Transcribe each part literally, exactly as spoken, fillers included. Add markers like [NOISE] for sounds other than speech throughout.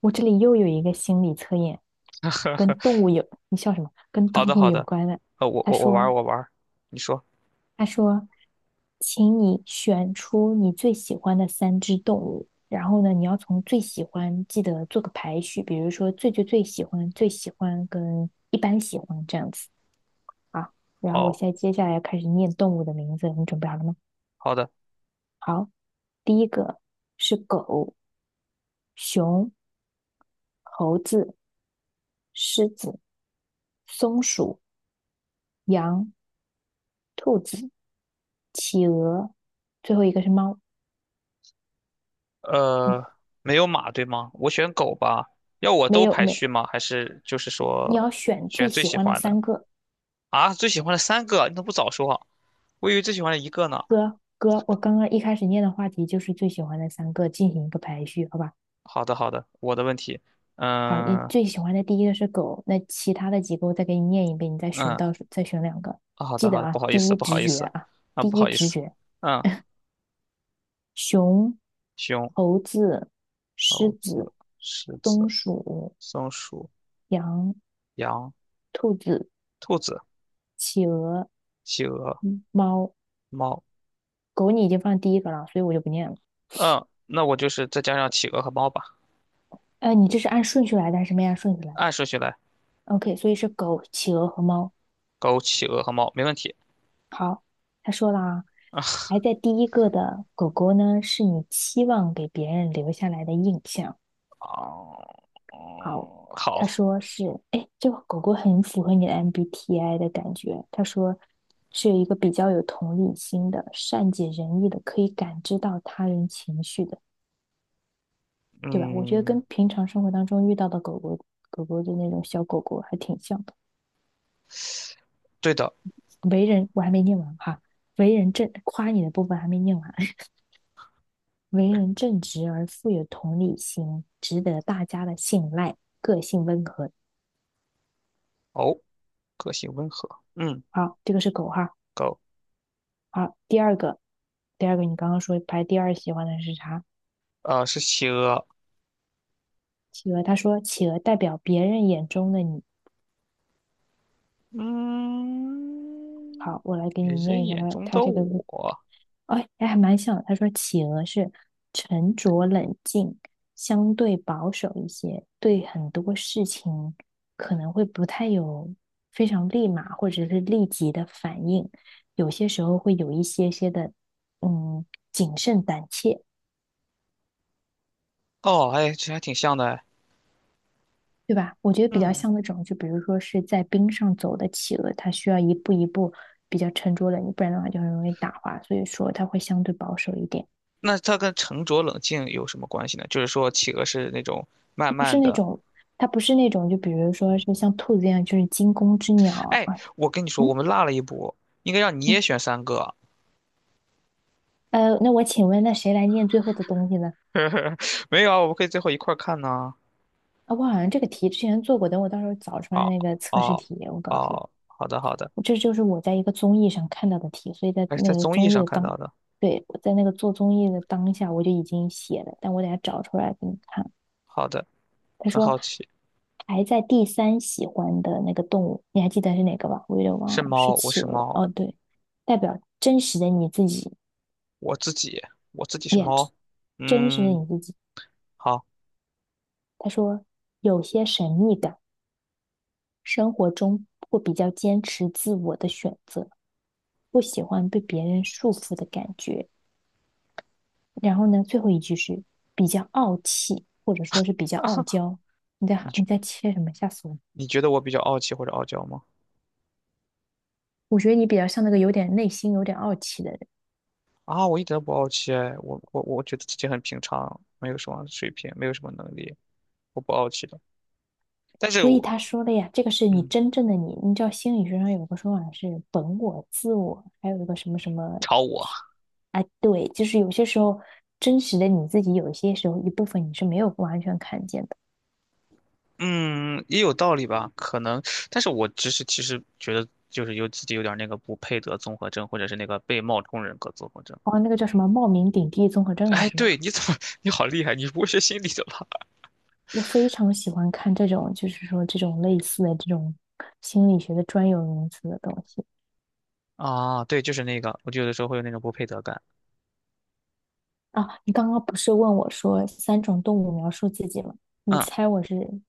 我这里又有一个心理测验，跟动物有，你笑什么？跟 [LAUGHS] 好动的，物好有的，关的。呃，我他我我玩说，儿我玩儿，你说。他说，请你选出你最喜欢的三只动物，然后呢，你要从最喜欢记得做个排序，比如说最最最喜欢、最喜欢跟一般喜欢这样子啊。然后我哦，现在接下来要开始念动物的名字，你准备好了吗？好的，好，第一个是狗、熊、猴子、狮子、松鼠、羊。兔子、企鹅，最后一个是猫。嗯，呃，没有马对吗？我选狗吧。要我没都有排没，序吗？还是就是你说要选最选最喜喜欢的欢的三个。啊？最喜欢的三个，你怎么不早说啊？我以为最喜欢的一个呢。哥哥，我刚刚一开始念的话题就是最喜欢的三个，进行一个排序，好吧？好的，好的，我的问题。好，你嗯最喜欢的第一个是狗，那其他的几个我再给你念一遍，你再选嗯，到再选两个，啊好记的好得的，不啊，好意第思一不好直意觉思，啊，啊第不一好意直思。觉，嗯，熊、熊、猴子、狮猴子、子、狮子、松鼠、松鼠、羊、羊、兔子、兔子、企鹅、企鹅、猫。猫。狗你已经放第一个了，所以我就不念了。嗯，那我就是再加上企鹅和猫吧，呃，你这是按顺序来的还是没按顺序来按顺序来，？OK，所以是狗、企鹅和猫。狗、企鹅和猫，没问题。好，他说了啊，排在第一个的狗狗呢，是你期望给别人留下来的印象。哦，好，哦，他好，说是，哎，这个狗狗很符合你的 M B T I 的感觉。他说是有一个比较有同理心的、善解人意的，可以感知到他人情绪的，对吧？我觉得嗯，跟平常生活当中遇到的狗狗、狗狗的那种小狗狗还挺像。对的。为人，我还没念完哈。为人正，夸你的部分还没念完。[LAUGHS] 为人正直而富有同理心，值得大家的信赖，个性温和。哦，个性温和，嗯，好，这个是狗哈。狗，好，第二个，第二个，你刚刚说排第二喜欢的是啥？呃，是企鹅，企鹅，他说企鹅代表别人眼中的你，嗯，好，我来给你别人念一下眼他中他的这个，我，哎，哎还蛮像的。他说企鹅是沉着冷静，相对保守一些，对很多事情可能会不太有非常立马或者是立即的反应，有些时候会有一些些的嗯谨慎胆怯，哦，哎，这还挺像的哎，对吧？我觉得比较嗯，像那种，就比如说是在冰上走的企鹅，它需要一步一步比较沉着冷静，不然的话就很容易打滑，所以说它会相对保守一点。那它跟沉着冷静有什么关系呢？就是说，企鹅是那种慢不是慢那的，种，它不是那种，就比如说是像兔子一样，就是惊弓之鸟哎，啊。我跟你说，我嗯们落了一步，应该让你也嗯，选三个。呃，那我请问，那谁来念最后的东西呢？[LAUGHS] 没有啊，我们可以最后一块儿看呢。啊，我好像这个题之前做过，等我到时候找出来哦那个测试哦题，我告诉哦，你，好的好的，这就是我在一个综艺上看到的题，所以在还是那在个综艺综艺上的看当，到的。对，我在那个做综艺的当下，我就已经写了，但我等下找出来给你看。好的，他很说好奇，排在第三喜欢的那个动物，你还记得是哪个吧？我有点忘是了，是猫，我企是鹅。哦，猫，对，代表真实的你自己，我自己，我自己是也猫。真实的嗯，你自己。好，他说有些神秘感，生活中会比较坚持自我的选择，不喜欢被别人束缚的感觉。然后呢，最后一句是比较傲气，或者说是比较傲娇。你你在觉你在切什么？吓死我了！你觉得我比较傲气或者傲娇吗？我觉得你比较像那个有点内心有点傲气的人。啊，我一点都不傲气哎，我我我觉得自己很平常，没有什么水平，没有什么能力，我不傲气的。但是所以我，他说的呀，这个是你嗯，真正的你。你知道心理学上有个说法是本我、自我，还有一个什么什么，朝我。哎，对，就是有些时候真实的你自己，有些时候一部分你是没有完全看见的。嗯，也有道理吧，可能，但是我只是其实觉得就是有自己有点那个不配得综合症，或者是那个被冒充人格综合症。哦，那个叫什么冒名顶替综合症哎，是对，吧？你怎么，[LAUGHS] 你好厉害，你不会是心理的吧？我非常喜欢看这种，就是说这种类似的这种心理学的专有名词的东西。[LAUGHS] 啊，对，就是那个，我就有的时候会有那种不配得感。啊，你刚刚不是问我说三种动物描述自己吗？你嗯猜我是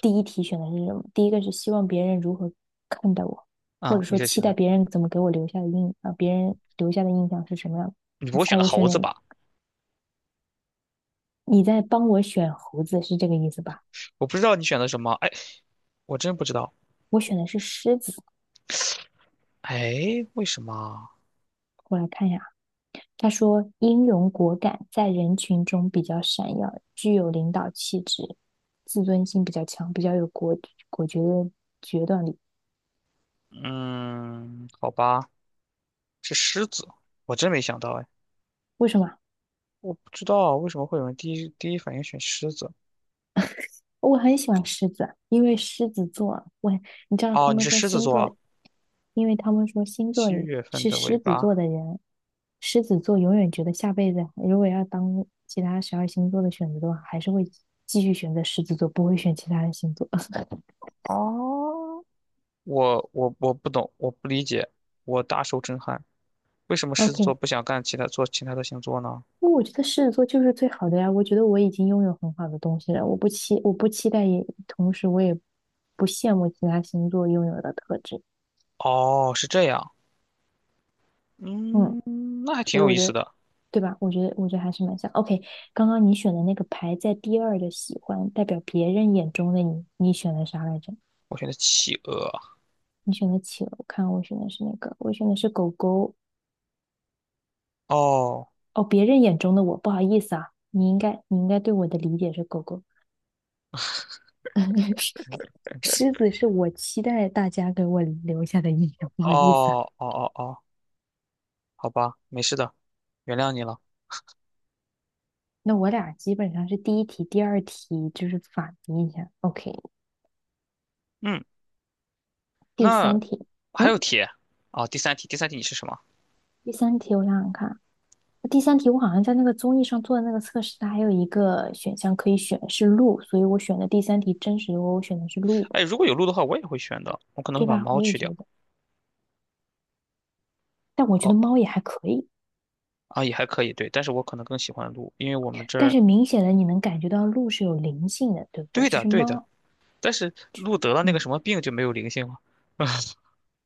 第一题选的是什么？第一个是希望别人如何看待我，或嗯，者你说是期选待的，别人怎么给我留下的印啊，别人留下的印象是什么样的？你不你会选猜的我猴选哪一子吧？个？你在帮我选猴子是这个意思吧？我不知道你选的什么，哎，我真不知道。我选的是狮子，哎，为什么？我来看一下啊，他说英勇果敢，在人群中比较闪耀，具有领导气质，自尊心比较强，比较有果果决的决断力。嗯，好吧，是狮子，我真没想到，哎，为什么啊？我不知道为什么会有人第一第一反应选狮子。我很喜欢狮子，因为狮子座，我你知道他哦，你们是说狮子星座座，啊。因为他们说星座七里月份是的尾狮子座巴。的人，狮子座永远觉得下辈子如果要当其他十二星座的选择的话，还是会继续选择狮子座，不会选其他的星座。[LAUGHS] 哦，我我我不懂，我不理解，我大受震撼。为什么狮 OK，子座因不想干其他做其他的星座呢？为我觉得狮子座就是最好的呀，我觉得我已经拥有很好的东西了，我不期我不期待也，同时我也不羡慕其他星座拥有的特质。哦，是这样。嗯。嗯，那还挺所以有我意觉思得，的。对吧？我觉得，我觉得还是蛮像。OK，刚刚你选的那个排在第二的喜欢，代表别人眼中的你，你选的啥来着？我选的企鹅。你选的企鹅，我看我选的是哪个，我选的是狗狗。哦哦，别人眼中的我，不好意思啊，你应该，你应该对我的理解是狗狗。[LAUGHS] 狮子是我期待大家给我留下的印象，不好意思哦啊。哦哦哦，好吧，没事的，原谅你了。那我俩基本上是第一题、第二题就是反的印象。OK，嗯，第那三题，还嗯，有题啊，第三题，第三题你是什么？第三题我想想看。第三题，我好像在那个综艺上做的那个测试，它还有一个选项可以选是鹿，所以我选的第三题真实，的我选的是鹿，哎，如果有鹿的话，我也会选的，我可能会对把吧？猫我也去掉。觉得，但我觉得哦，猫也还可以，啊，也还可以，对，但是我可能更喜欢鹿，因为我们这但儿是明显的你能感觉到鹿是有灵性的，对不对？对就的，是对的。猫，但是鹿得了那个嗯，什么病就没有灵性了，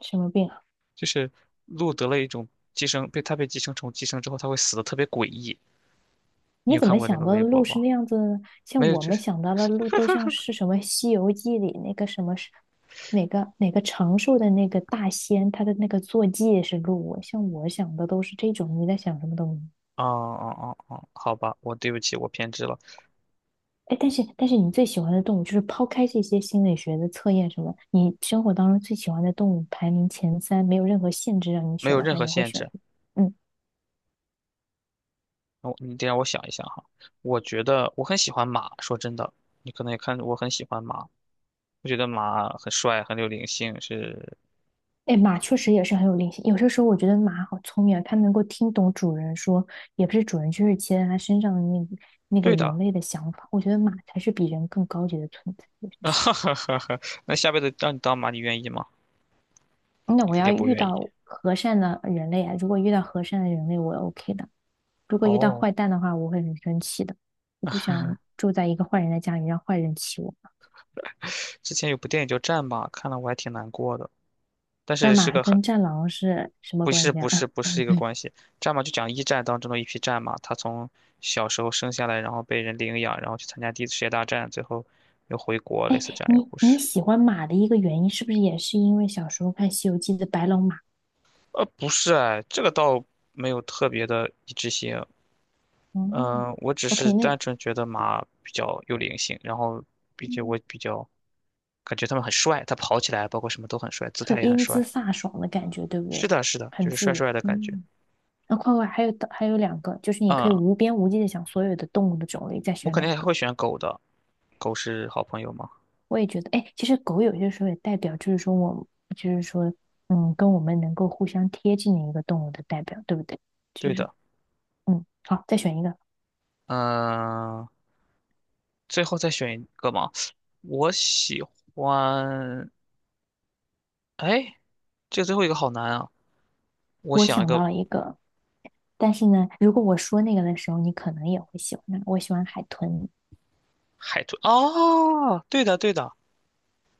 什么病啊？就是鹿得了一种寄生，被它被寄生虫寄生之后，它会死的特别诡异。你你有怎看么过那想个到的微博鹿吗？是那样子呢？没像有，我就们是，想到的鹿都像是什么《西游记》里那个什么是哪个哪个长寿的那个大仙，他的那个坐骑也是鹿。像我想的都是这种，你在想什么东西？哦哦哦哦，好吧，我对不起，我偏执了，哎，但是但是你最喜欢的动物，就是抛开这些心理学的测验什么，你生活当中最喜欢的动物排名前三，没有任何限制让你没选有的任话，何你会限选制。什么？嗯，我你得让我想一想哈。我觉得我很喜欢马，说真的，你可能也看我很喜欢马，我觉得马很帅，很有灵性，是哎，马确实也是很有灵性。有些时候我觉得马好聪明啊，它能够听懂主人说，也不是主人，就是骑在它身上的那个那个对的。人类的想法。我觉得马才是比人更高级的存在。有些时 [LAUGHS] 那下辈子让你当马，你愿意吗？候，那你我肯要定不遇愿意。到和善的人类啊，如果遇到和善的人类，我 OK 的。如果遇到哦，坏蛋的话，我会很生气的。我不想住在一个坏人的家里，让坏人欺我。之前有部电影叫《战马》，看了我还挺难过的，但战是是马个很跟战狼是什么不关是系不是啊？不是一个 [LAUGHS] 关系，《战马》就讲一战当中的一匹战马，它从小时候生下来，然后被人领养，然后去参加第一次世界大战，最后又回国，哎，类似这样一个你故你事。喜欢马的一个原因，是不是也是因为小时候看《西游记》的白龙马？呃，不是哎，这个倒没有特别的一致性，嗯嗯、我只是，OK，那单纯觉得马比较有灵性，然后并且嗯我比较感觉他们很帅，他跑起来包括什么都很帅，姿很态也很英姿帅。飒爽的感觉，对不对？是的，是的，就很是自帅由。帅的感觉。嗯，那快快还有还有两个，就是你可以嗯，无边无际的想所有的动物的种类，再我选肯两定还个。会选狗的，狗是好朋友吗？我也觉得，哎，其实狗有些时候也代表，就是说我，就是说，嗯，跟我们能够互相贴近的一个动物的代表，对不对？就对是，的，嗯，好，再选一个。嗯、最后再选一个嘛。我喜欢，哎，这个最后一个好难啊。我我想一想到个了一个，但是呢，如果我说那个的时候，你可能也会喜欢它。我喜欢海豚，海豚，哦，对的，对的，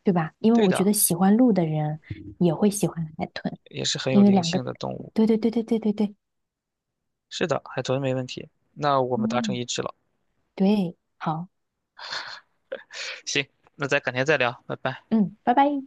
对吧？因为对我觉的，得喜欢鹿的人也会喜欢海豚，也是很有因为灵两性个，的动物。对对对对对对对，是的，海豚没问题。那我们达成嗯，一致了。对，好，行，那咱改天再聊，拜拜。嗯，拜拜。